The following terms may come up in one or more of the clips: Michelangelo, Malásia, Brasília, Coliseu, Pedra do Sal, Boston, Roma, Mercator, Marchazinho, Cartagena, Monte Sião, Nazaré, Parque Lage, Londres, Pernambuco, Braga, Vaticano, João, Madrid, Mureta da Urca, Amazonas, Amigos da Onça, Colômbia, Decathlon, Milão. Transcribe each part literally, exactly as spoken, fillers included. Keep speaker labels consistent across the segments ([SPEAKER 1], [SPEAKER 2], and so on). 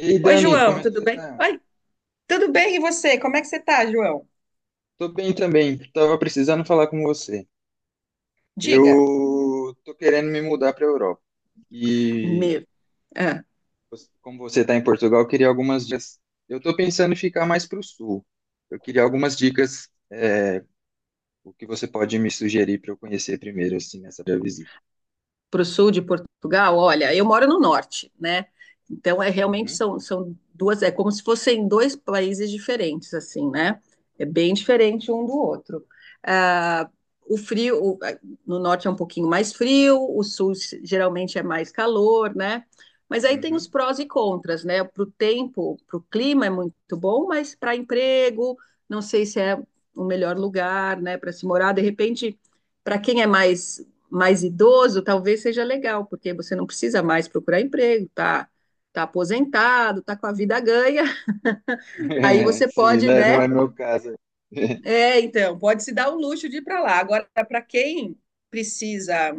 [SPEAKER 1] E aí,
[SPEAKER 2] Oi,
[SPEAKER 1] Dani, como
[SPEAKER 2] João,
[SPEAKER 1] é que
[SPEAKER 2] tudo
[SPEAKER 1] você
[SPEAKER 2] bem?
[SPEAKER 1] tá?
[SPEAKER 2] Oi, tudo bem e você? Como é que você tá, João?
[SPEAKER 1] Tô bem também. Tava precisando falar com você. Eu
[SPEAKER 2] Diga.
[SPEAKER 1] tô querendo me mudar pra Europa. E
[SPEAKER 2] Meu,
[SPEAKER 1] você- Como você tá em Portugal, eu queria algumas dicas. Eu tô pensando em ficar mais pro sul. Eu queria algumas dicas, é, o que você pode me sugerir para eu conhecer primeiro, assim, nessa minha visita.
[SPEAKER 2] para o sul de Portugal, olha, eu moro no norte, né? Então é realmente
[SPEAKER 1] Uhum,
[SPEAKER 2] são, são duas, é como se fossem dois países diferentes, assim, né? É bem diferente um do outro. Ah, o frio, o- ah, no norte é um pouquinho mais frio, o sul se- geralmente é mais calor, né? Mas aí tem os
[SPEAKER 1] uhum.
[SPEAKER 2] prós e contras, né? Para o tempo, para o clima é muito bom, mas para emprego, não sei se é o melhor lugar, né, para se morar. De repente, para quem é mais mais idoso, talvez seja legal, porque você não precisa mais procurar emprego, tá, tá aposentado, tá com a vida ganha. Aí
[SPEAKER 1] É,
[SPEAKER 2] você
[SPEAKER 1] sim,
[SPEAKER 2] pode,
[SPEAKER 1] né? Não
[SPEAKER 2] né?
[SPEAKER 1] é meu caso.
[SPEAKER 2] É, então, pode se dar o luxo de ir para lá. Agora, para quem precisa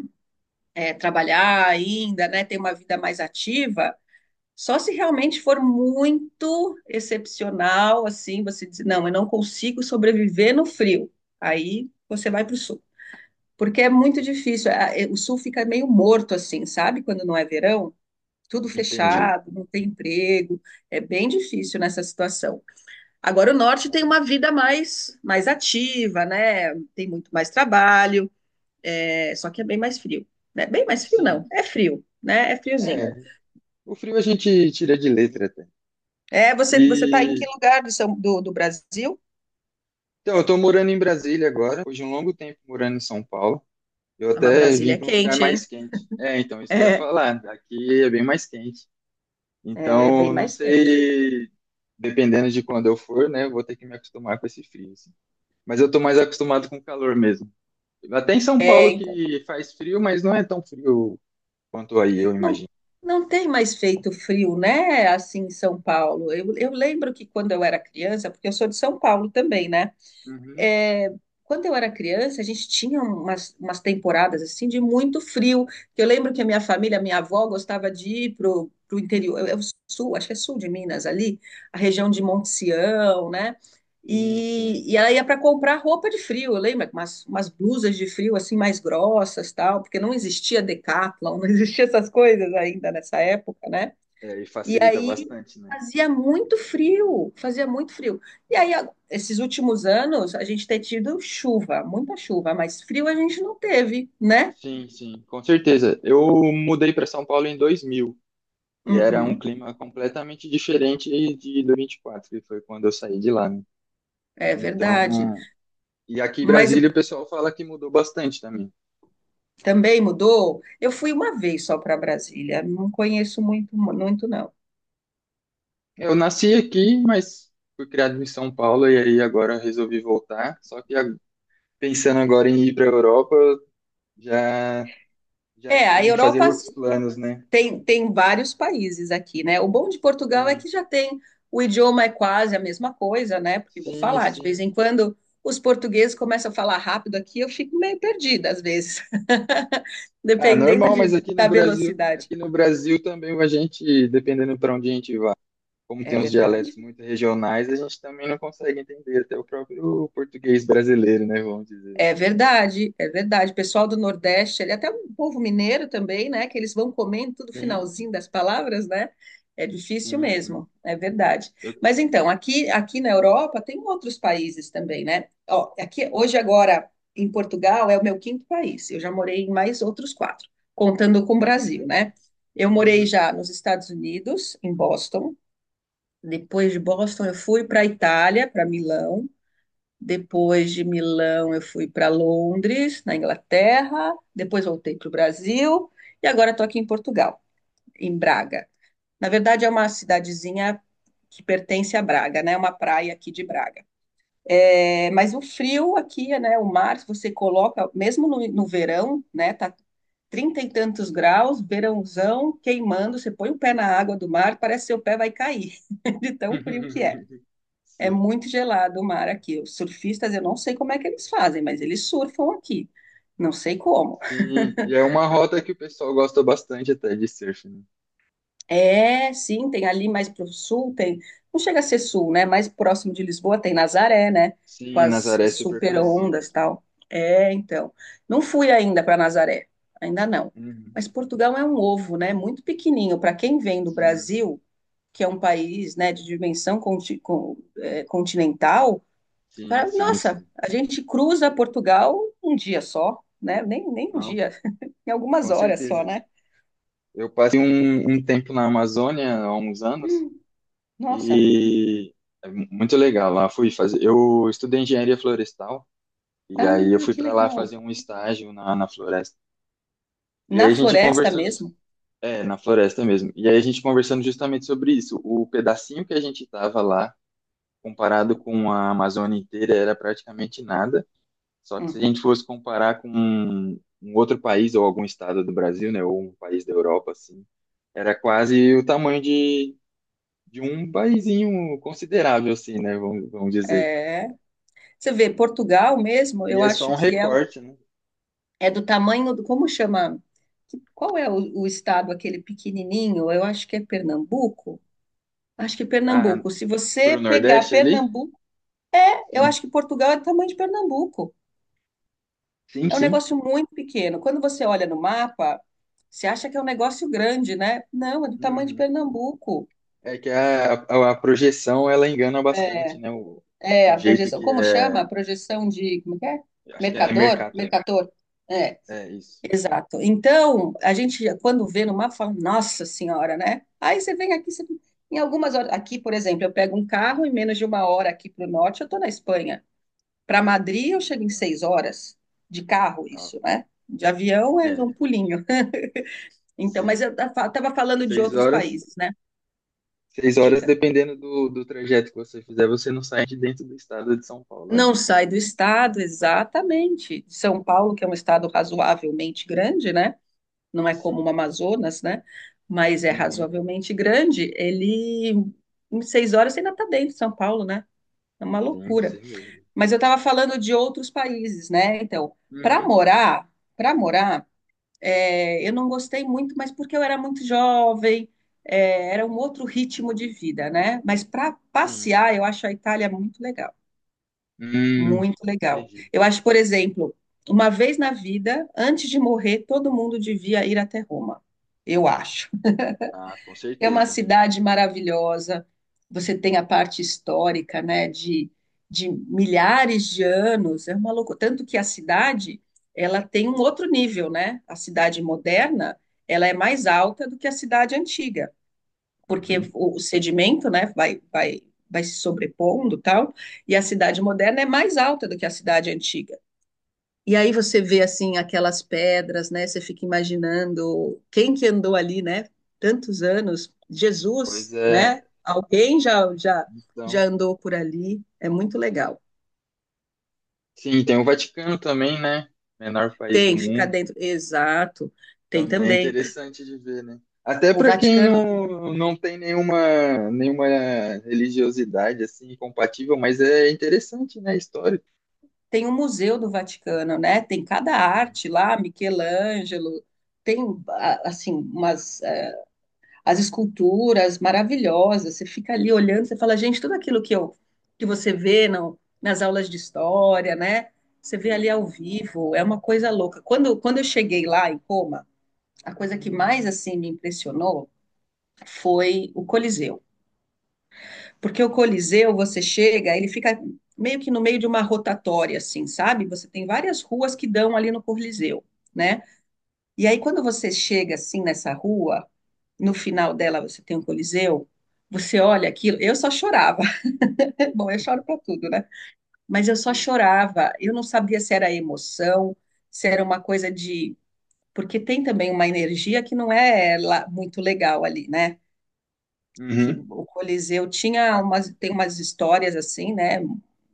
[SPEAKER 2] é, trabalhar ainda, né, ter uma vida mais ativa, só se realmente for muito excepcional, assim, você diz, não, eu não consigo sobreviver no frio. Aí você vai para o sul. Porque é muito difícil. é- é- O sul fica meio morto, assim, sabe? Quando não é verão, tudo
[SPEAKER 1] Entendi.
[SPEAKER 2] fechado, não tem emprego. É bem difícil nessa situação. Agora, o norte tem uma vida mais, mais ativa, né? Tem muito mais trabalho, é, só que é bem mais frio. Né? Bem mais frio, não.
[SPEAKER 1] Sim.
[SPEAKER 2] É frio, né? É friozinho.
[SPEAKER 1] É, o frio a gente tira de letra até.
[SPEAKER 2] É, você, você tá em
[SPEAKER 1] E
[SPEAKER 2] que lugar do, São- do, do Brasil?
[SPEAKER 1] Então, eu tô morando em Brasília agora, depois de um longo tempo morando em São Paulo. Eu
[SPEAKER 2] Ah, mas
[SPEAKER 1] até
[SPEAKER 2] Brasília
[SPEAKER 1] vim
[SPEAKER 2] é
[SPEAKER 1] para um lugar
[SPEAKER 2] quente,
[SPEAKER 1] mais
[SPEAKER 2] hein?
[SPEAKER 1] quente. É, então, isso que eu ia
[SPEAKER 2] É,
[SPEAKER 1] falar. Aqui é bem mais quente.
[SPEAKER 2] é
[SPEAKER 1] Então,
[SPEAKER 2] bem
[SPEAKER 1] não
[SPEAKER 2] mais quente.
[SPEAKER 1] sei, dependendo de quando eu for, né, eu vou ter que me acostumar com esse frio, assim. Mas eu tô mais acostumado com o calor mesmo. Até em São Paulo
[SPEAKER 2] É,
[SPEAKER 1] que faz frio, mas não é tão frio quanto aí, eu
[SPEAKER 2] Não,
[SPEAKER 1] imagino.
[SPEAKER 2] não tem mais feito frio, né? Assim em São Paulo. Eu, eu lembro que quando eu era criança, porque eu sou de São Paulo também, né?
[SPEAKER 1] Uhum.
[SPEAKER 2] é, quando eu era criança, a gente tinha umas, umas temporadas assim de muito frio. Que eu lembro que a minha família, a minha avó gostava de ir pro, pro interior, é é o sul, acho que é sul de Minas ali, a região de Monte Sião, né?
[SPEAKER 1] Sim, sim.
[SPEAKER 2] E, e ela ia para comprar roupa de frio, lembra? Umas, umas blusas de frio assim mais grossas, tal, porque não existia Decathlon, não existia essas coisas ainda nessa época, né?
[SPEAKER 1] É, e
[SPEAKER 2] E
[SPEAKER 1] facilita
[SPEAKER 2] aí
[SPEAKER 1] bastante, né?
[SPEAKER 2] fazia muito frio, fazia muito frio. E aí, a- esses últimos anos, a gente tem tido chuva, muita chuva, mas frio a gente não teve, né?
[SPEAKER 1] Sim, sim, com certeza. Eu mudei para São Paulo em dois mil. E era um
[SPEAKER 2] Uhum,
[SPEAKER 1] clima completamente diferente de do vinte e quatro, que foi quando eu saí de lá, né?
[SPEAKER 2] é verdade.
[SPEAKER 1] Então, e aqui em
[SPEAKER 2] Mas
[SPEAKER 1] Brasília o pessoal fala que mudou bastante também.
[SPEAKER 2] também mudou. Eu fui uma vez só para Brasília, não conheço muito, muito não.
[SPEAKER 1] Eu nasci aqui, mas fui criado em São Paulo e aí agora resolvi voltar. Só que a- pensando agora em ir para a Europa, já já
[SPEAKER 2] É, a
[SPEAKER 1] tenho que fazer
[SPEAKER 2] Europa
[SPEAKER 1] outros planos, né?
[SPEAKER 2] tem, tem vários países aqui, né? O bom de Portugal é
[SPEAKER 1] Sim,
[SPEAKER 2] que já tem, o idioma é quase a mesma coisa, né? Porque eu vou
[SPEAKER 1] sim,
[SPEAKER 2] falar, de
[SPEAKER 1] sim.
[SPEAKER 2] vez em quando os portugueses começam a falar rápido aqui, eu fico meio perdida às vezes,
[SPEAKER 1] Ah,
[SPEAKER 2] dependendo
[SPEAKER 1] normal, mas
[SPEAKER 2] de,
[SPEAKER 1] aqui no
[SPEAKER 2] da
[SPEAKER 1] Brasil,
[SPEAKER 2] velocidade.
[SPEAKER 1] aqui no Brasil também a gente, dependendo para onde a gente vai como
[SPEAKER 2] É
[SPEAKER 1] tem uns dialetos
[SPEAKER 2] verdade.
[SPEAKER 1] muito regionais, a gente também não consegue entender até o próprio português brasileiro, né? Vamos dizer.
[SPEAKER 2] É verdade, é verdade. O pessoal do Nordeste, ele até um povo mineiro também, né? Que eles vão comendo tudo
[SPEAKER 1] Sim,
[SPEAKER 2] finalzinho das palavras, né? É difícil
[SPEAKER 1] sim, sim.
[SPEAKER 2] mesmo, é verdade.
[SPEAKER 1] Eu...
[SPEAKER 2] Mas então, aqui, aqui na Europa tem outros países também, né? Ó, aqui hoje agora em Portugal é o meu quinto país. Eu já morei em mais outros quatro, contando com o
[SPEAKER 1] Não, que
[SPEAKER 2] Brasil,
[SPEAKER 1] legal.
[SPEAKER 2] né? Eu morei
[SPEAKER 1] Uhum.
[SPEAKER 2] já nos Estados Unidos, em Boston. Depois de Boston, eu fui para a Itália, para Milão. Depois de Milão, eu fui para Londres, na Inglaterra. Depois voltei para o Brasil. E agora estou aqui em Portugal, em Braga. Na verdade, é uma cidadezinha que pertence a Braga, né? É uma praia aqui de Braga. É, mas o frio aqui, né? O mar, se você coloca, mesmo no, no verão, né? Tá trinta e tantos graus, verãozão, queimando. Você põe o pé na água do mar, parece que seu pé vai cair, de tão frio que é. É
[SPEAKER 1] Sim,
[SPEAKER 2] muito gelado o mar aqui. Os surfistas, eu não sei como é que eles fazem, mas eles surfam aqui. Não sei como.
[SPEAKER 1] sim. E é uma rota que o pessoal gosta bastante até de surf, né?
[SPEAKER 2] É, sim, tem ali mais para o sul, tem. Não chega a ser sul, né? Mais próximo de Lisboa tem Nazaré, né? Com
[SPEAKER 1] Sim,
[SPEAKER 2] as
[SPEAKER 1] Nazaré é super
[SPEAKER 2] super
[SPEAKER 1] conhecido.
[SPEAKER 2] ondas e
[SPEAKER 1] Assim.
[SPEAKER 2] tal. É, então. Não fui ainda para Nazaré, ainda não.
[SPEAKER 1] Uhum.
[SPEAKER 2] Mas Portugal é um ovo, né? Muito pequenininho. Para quem vem do
[SPEAKER 1] Sim,
[SPEAKER 2] Brasil, que é um país, né, de dimensão conti- con- eh, continental.
[SPEAKER 1] sim,
[SPEAKER 2] Pra-
[SPEAKER 1] sim,
[SPEAKER 2] Nossa,
[SPEAKER 1] sim.
[SPEAKER 2] a gente cruza Portugal um dia só, né? Nem, nem um
[SPEAKER 1] Não,
[SPEAKER 2] dia, em algumas
[SPEAKER 1] com
[SPEAKER 2] horas só,
[SPEAKER 1] certeza.
[SPEAKER 2] né?
[SPEAKER 1] Eu passei um, um tempo na Amazônia há uns anos.
[SPEAKER 2] Nossa,
[SPEAKER 1] E é muito legal lá. Fui fazer. Eu estudei engenharia florestal e aí eu
[SPEAKER 2] ah,
[SPEAKER 1] fui
[SPEAKER 2] que
[SPEAKER 1] para lá
[SPEAKER 2] legal.
[SPEAKER 1] fazer um estágio na, na floresta. E aí
[SPEAKER 2] Na
[SPEAKER 1] a gente
[SPEAKER 2] floresta
[SPEAKER 1] conversando,
[SPEAKER 2] mesmo.
[SPEAKER 1] é, na floresta mesmo. E aí a gente conversando justamente sobre isso. O pedacinho que a gente tava lá, comparado com a Amazônia inteira, era praticamente nada. Só que se a
[SPEAKER 2] Uhum.
[SPEAKER 1] gente fosse comparar com um, um outro país ou algum estado do Brasil, né, ou um país da Europa, assim, era quase o tamanho de de um paísinho considerável, assim, né? Vamos, vamos dizer.
[SPEAKER 2] É. Você vê, Portugal mesmo,
[SPEAKER 1] E
[SPEAKER 2] eu
[SPEAKER 1] é só
[SPEAKER 2] acho
[SPEAKER 1] um
[SPEAKER 2] que é, o-
[SPEAKER 1] recorte, né?
[SPEAKER 2] é do tamanho do, como chama? Que- Qual é o, o estado aquele pequenininho? Eu acho que é Pernambuco. Acho que é
[SPEAKER 1] Ah,
[SPEAKER 2] Pernambuco. Se você
[SPEAKER 1] pro
[SPEAKER 2] pegar
[SPEAKER 1] Nordeste ali?
[SPEAKER 2] Pernambuco, eu
[SPEAKER 1] Sim,
[SPEAKER 2] acho que Portugal é do tamanho de Pernambuco.
[SPEAKER 1] sim,
[SPEAKER 2] É um
[SPEAKER 1] sim.
[SPEAKER 2] negócio muito pequeno. Quando você olha no mapa, você acha que é um negócio grande, né? Não, é do tamanho de
[SPEAKER 1] Uhum.
[SPEAKER 2] Pernambuco.
[SPEAKER 1] É que a, a, a projeção ela engana bastante, né? O,
[SPEAKER 2] É,
[SPEAKER 1] o
[SPEAKER 2] a
[SPEAKER 1] jeito
[SPEAKER 2] projeção,
[SPEAKER 1] que
[SPEAKER 2] como chama?
[SPEAKER 1] é.
[SPEAKER 2] A projeção de, como é que é?
[SPEAKER 1] Acho que é
[SPEAKER 2] Mercador?
[SPEAKER 1] Mercator.
[SPEAKER 2] Mercator. É,
[SPEAKER 1] É isso.
[SPEAKER 2] exato. Então, a gente, quando vê no mapa, fala, nossa senhora, né? Aí você vem aqui, você- em algumas horas, aqui, por exemplo, eu pego um carro, em menos de uma hora aqui para o norte, eu estou na Espanha. Para Madrid, eu chego em seis horas de carro,
[SPEAKER 1] Tá.
[SPEAKER 2] isso, né? De avião é um
[SPEAKER 1] É,
[SPEAKER 2] pulinho. Então,
[SPEAKER 1] sim.
[SPEAKER 2] mas eu estava falando de
[SPEAKER 1] Seis
[SPEAKER 2] outros
[SPEAKER 1] horas.
[SPEAKER 2] países, né?
[SPEAKER 1] Seis horas,
[SPEAKER 2] Diga.
[SPEAKER 1] dependendo do, do trajeto que você fizer, você não sai de dentro do estado de São Paulo ainda.
[SPEAKER 2] Não sai do estado, exatamente. São Paulo, que é um estado razoavelmente grande, né? Não é como o
[SPEAKER 1] Sim.
[SPEAKER 2] Amazonas, né? Mas é
[SPEAKER 1] Uhum.
[SPEAKER 2] razoavelmente grande. Ele, em seis horas, você ainda está dentro de São Paulo, né? É uma
[SPEAKER 1] Sim,
[SPEAKER 2] loucura.
[SPEAKER 1] sem dúvida.
[SPEAKER 2] Mas eu estava falando de outros países, né? Então, para
[SPEAKER 1] Uhum.
[SPEAKER 2] morar, para morar, é, eu não gostei muito, mas porque eu era muito jovem, é, era um outro ritmo de vida, né? Mas para
[SPEAKER 1] Sim.
[SPEAKER 2] passear, eu acho a Itália muito legal,
[SPEAKER 1] Hum,
[SPEAKER 2] muito legal.
[SPEAKER 1] entendi.
[SPEAKER 2] Eu acho, por exemplo, uma vez na vida, antes de morrer, todo mundo devia ir até Roma, eu acho.
[SPEAKER 1] Ah, com
[SPEAKER 2] É uma
[SPEAKER 1] certeza.
[SPEAKER 2] cidade maravilhosa. Você tem a parte histórica, né, de, de milhares de anos. É uma loucura. Tanto que a cidade, ela tem um outro nível, né? A cidade moderna, ela é mais alta do que a cidade antiga, porque
[SPEAKER 1] Uhum.
[SPEAKER 2] o, o sedimento, né, vai, vai, vai se sobrepondo, tal, e a cidade moderna é mais alta do que a cidade antiga. E aí você vê assim aquelas pedras, né? Você fica imaginando quem que andou ali, né? Tantos anos,
[SPEAKER 1] Pois
[SPEAKER 2] Jesus,
[SPEAKER 1] é.
[SPEAKER 2] né? Alguém já já já
[SPEAKER 1] Então,
[SPEAKER 2] andou por ali. É muito legal.
[SPEAKER 1] sim, tem o Vaticano também, né? Menor país do
[SPEAKER 2] Tem, fica
[SPEAKER 1] mundo.
[SPEAKER 2] dentro. Exato. Tem
[SPEAKER 1] Também é
[SPEAKER 2] também
[SPEAKER 1] interessante de ver, né? Até
[SPEAKER 2] o
[SPEAKER 1] para quem
[SPEAKER 2] Vaticano.
[SPEAKER 1] não, não tem nenhuma, nenhuma religiosidade assim compatível, mas é interessante, né? Histórico.
[SPEAKER 2] Tem o Museu do Vaticano, né? Tem cada
[SPEAKER 1] Sim,
[SPEAKER 2] arte lá, Michelangelo. Tem a- assim umas as esculturas maravilhosas. Você fica ali olhando, você fala, gente, tudo aquilo que eu que você vê não, nas aulas de história, né? Você vê ali
[SPEAKER 1] sim,
[SPEAKER 2] ao vivo, é uma coisa louca. Quando, quando eu cheguei lá em Roma, a coisa que mais assim me impressionou foi o Coliseu. Porque o Coliseu, você chega, ele fica meio que no meio de uma rotatória assim, sabe? Você tem várias ruas que dão ali no Coliseu, né? E aí, quando você chega assim nessa rua, no final dela você tem um Coliseu, você olha aquilo, eu só chorava. Bom, eu choro para tudo, né? Mas eu só
[SPEAKER 1] sim.
[SPEAKER 2] chorava. Eu não sabia se era emoção, se era uma coisa de. Porque tem também uma energia que não é lá muito legal ali, né? Que
[SPEAKER 1] Uhum.
[SPEAKER 2] o Coliseu tinha
[SPEAKER 1] Ah,
[SPEAKER 2] umas, tem umas histórias assim, né?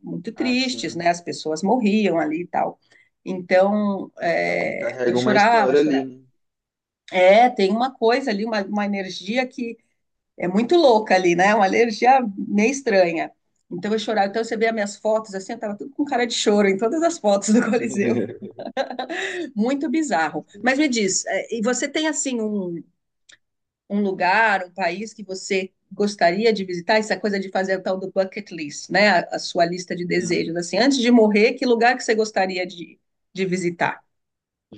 [SPEAKER 2] Muito
[SPEAKER 1] ah,
[SPEAKER 2] tristes,
[SPEAKER 1] sim.
[SPEAKER 2] né? As pessoas morriam ali e tal. Então,
[SPEAKER 1] Também
[SPEAKER 2] é,
[SPEAKER 1] carrega
[SPEAKER 2] eu
[SPEAKER 1] uma
[SPEAKER 2] chorava,
[SPEAKER 1] história ali,
[SPEAKER 2] chorava.
[SPEAKER 1] né?
[SPEAKER 2] É, tem uma coisa ali, uma, uma energia que é muito louca ali, né? Uma energia meio estranha. Então eu chorava. Então você vê as minhas fotos assim, eu tava tudo com cara de choro em todas as fotos do Coliseu. Muito bizarro.
[SPEAKER 1] Sim.
[SPEAKER 2] Mas me diz, é, e você tem assim um, um lugar, um país que você gostaria de visitar? Essa coisa de fazer o tal do bucket list, né? A, a sua lista de
[SPEAKER 1] Hum.
[SPEAKER 2] desejos, assim, antes de morrer, que lugar que você gostaria de, de visitar?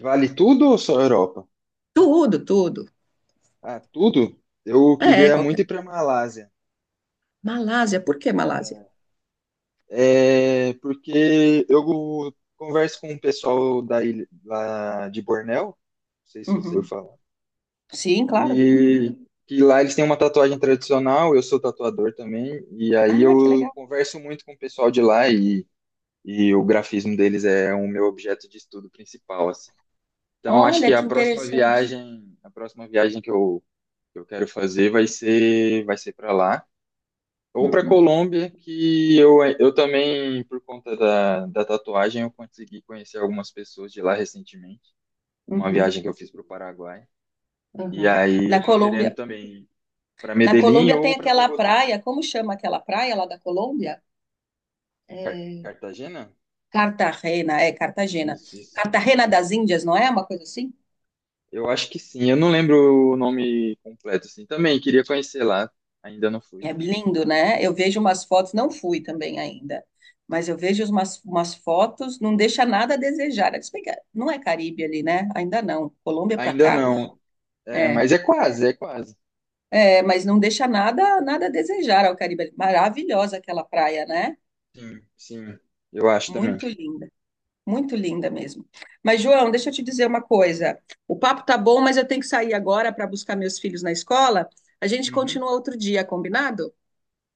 [SPEAKER 1] Vale tudo ou só Europa?
[SPEAKER 2] Tudo, tudo.
[SPEAKER 1] Ah, tudo? Eu
[SPEAKER 2] É,
[SPEAKER 1] queria muito
[SPEAKER 2] qualquer.
[SPEAKER 1] ir para Malásia.
[SPEAKER 2] Malásia, por que Malásia?
[SPEAKER 1] É, porque eu converso com o pessoal da ilha, lá de Bornéu, não sei se você ouviu
[SPEAKER 2] Uhum.
[SPEAKER 1] falar,
[SPEAKER 2] Sim, claro.
[SPEAKER 1] e que lá eles têm uma tatuagem tradicional, eu sou tatuador também, e aí
[SPEAKER 2] Ah, que
[SPEAKER 1] eu
[SPEAKER 2] legal.
[SPEAKER 1] converso muito com o pessoal de lá e, e o grafismo deles é o meu objeto de estudo principal, assim. Então acho que
[SPEAKER 2] Olha,
[SPEAKER 1] a
[SPEAKER 2] que
[SPEAKER 1] próxima
[SPEAKER 2] interessante.
[SPEAKER 1] viagem, a próxima viagem que eu, que eu quero fazer vai ser, vai ser para lá. Ou para
[SPEAKER 2] Uhum,
[SPEAKER 1] Colômbia, que eu, eu também, por conta da, da tatuagem, eu consegui conhecer algumas pessoas de lá recentemente, numa
[SPEAKER 2] uhum,
[SPEAKER 1] viagem que eu fiz para o Paraguai. E
[SPEAKER 2] uhum.
[SPEAKER 1] aí
[SPEAKER 2] Na
[SPEAKER 1] eu tô querendo
[SPEAKER 2] Colômbia,
[SPEAKER 1] também para
[SPEAKER 2] na
[SPEAKER 1] Medellín
[SPEAKER 2] Colômbia tem
[SPEAKER 1] ou para
[SPEAKER 2] aquela
[SPEAKER 1] Bogotá.
[SPEAKER 2] praia, como chama aquela praia lá da Colômbia?
[SPEAKER 1] Car-
[SPEAKER 2] É,
[SPEAKER 1] Cartagena?
[SPEAKER 2] Cartagena, é Cartagena.
[SPEAKER 1] Isso, isso.
[SPEAKER 2] Cartagena das Índias, não é uma coisa assim?
[SPEAKER 1] Eu acho que sim, eu não lembro o nome completo, assim. Também queria conhecer lá, ainda não fui.
[SPEAKER 2] É lindo, né? Eu vejo umas fotos, não fui
[SPEAKER 1] Sim.
[SPEAKER 2] também ainda, mas eu vejo umas, umas fotos, não deixa nada a desejar. Se bem que não é Caribe ali, né? Ainda não. Colômbia para
[SPEAKER 1] Ainda
[SPEAKER 2] cá.
[SPEAKER 1] não, é,
[SPEAKER 2] É.
[SPEAKER 1] mas é quase, é quase.
[SPEAKER 2] É, mas não deixa nada, nada a desejar ao Caribe. Maravilhosa aquela praia, né?
[SPEAKER 1] Sim, sim, eu acho também.
[SPEAKER 2] Muito linda, muito linda mesmo. Mas, João, deixa eu te dizer uma coisa. O papo tá bom, mas eu tenho que sair agora para buscar meus filhos na escola. A gente
[SPEAKER 1] Uhum.
[SPEAKER 2] continua outro dia, combinado?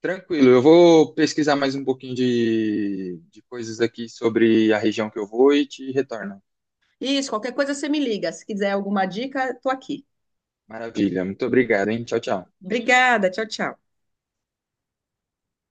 [SPEAKER 1] Tranquilo, eu vou pesquisar mais um pouquinho de, de coisas aqui sobre a região que eu vou e te retorno.
[SPEAKER 2] Isso, qualquer coisa você me liga. Se quiser alguma dica, tô aqui.
[SPEAKER 1] Maravilha, muito obrigado, hein? Tchau, tchau.
[SPEAKER 2] Obrigada, tchau, tchau.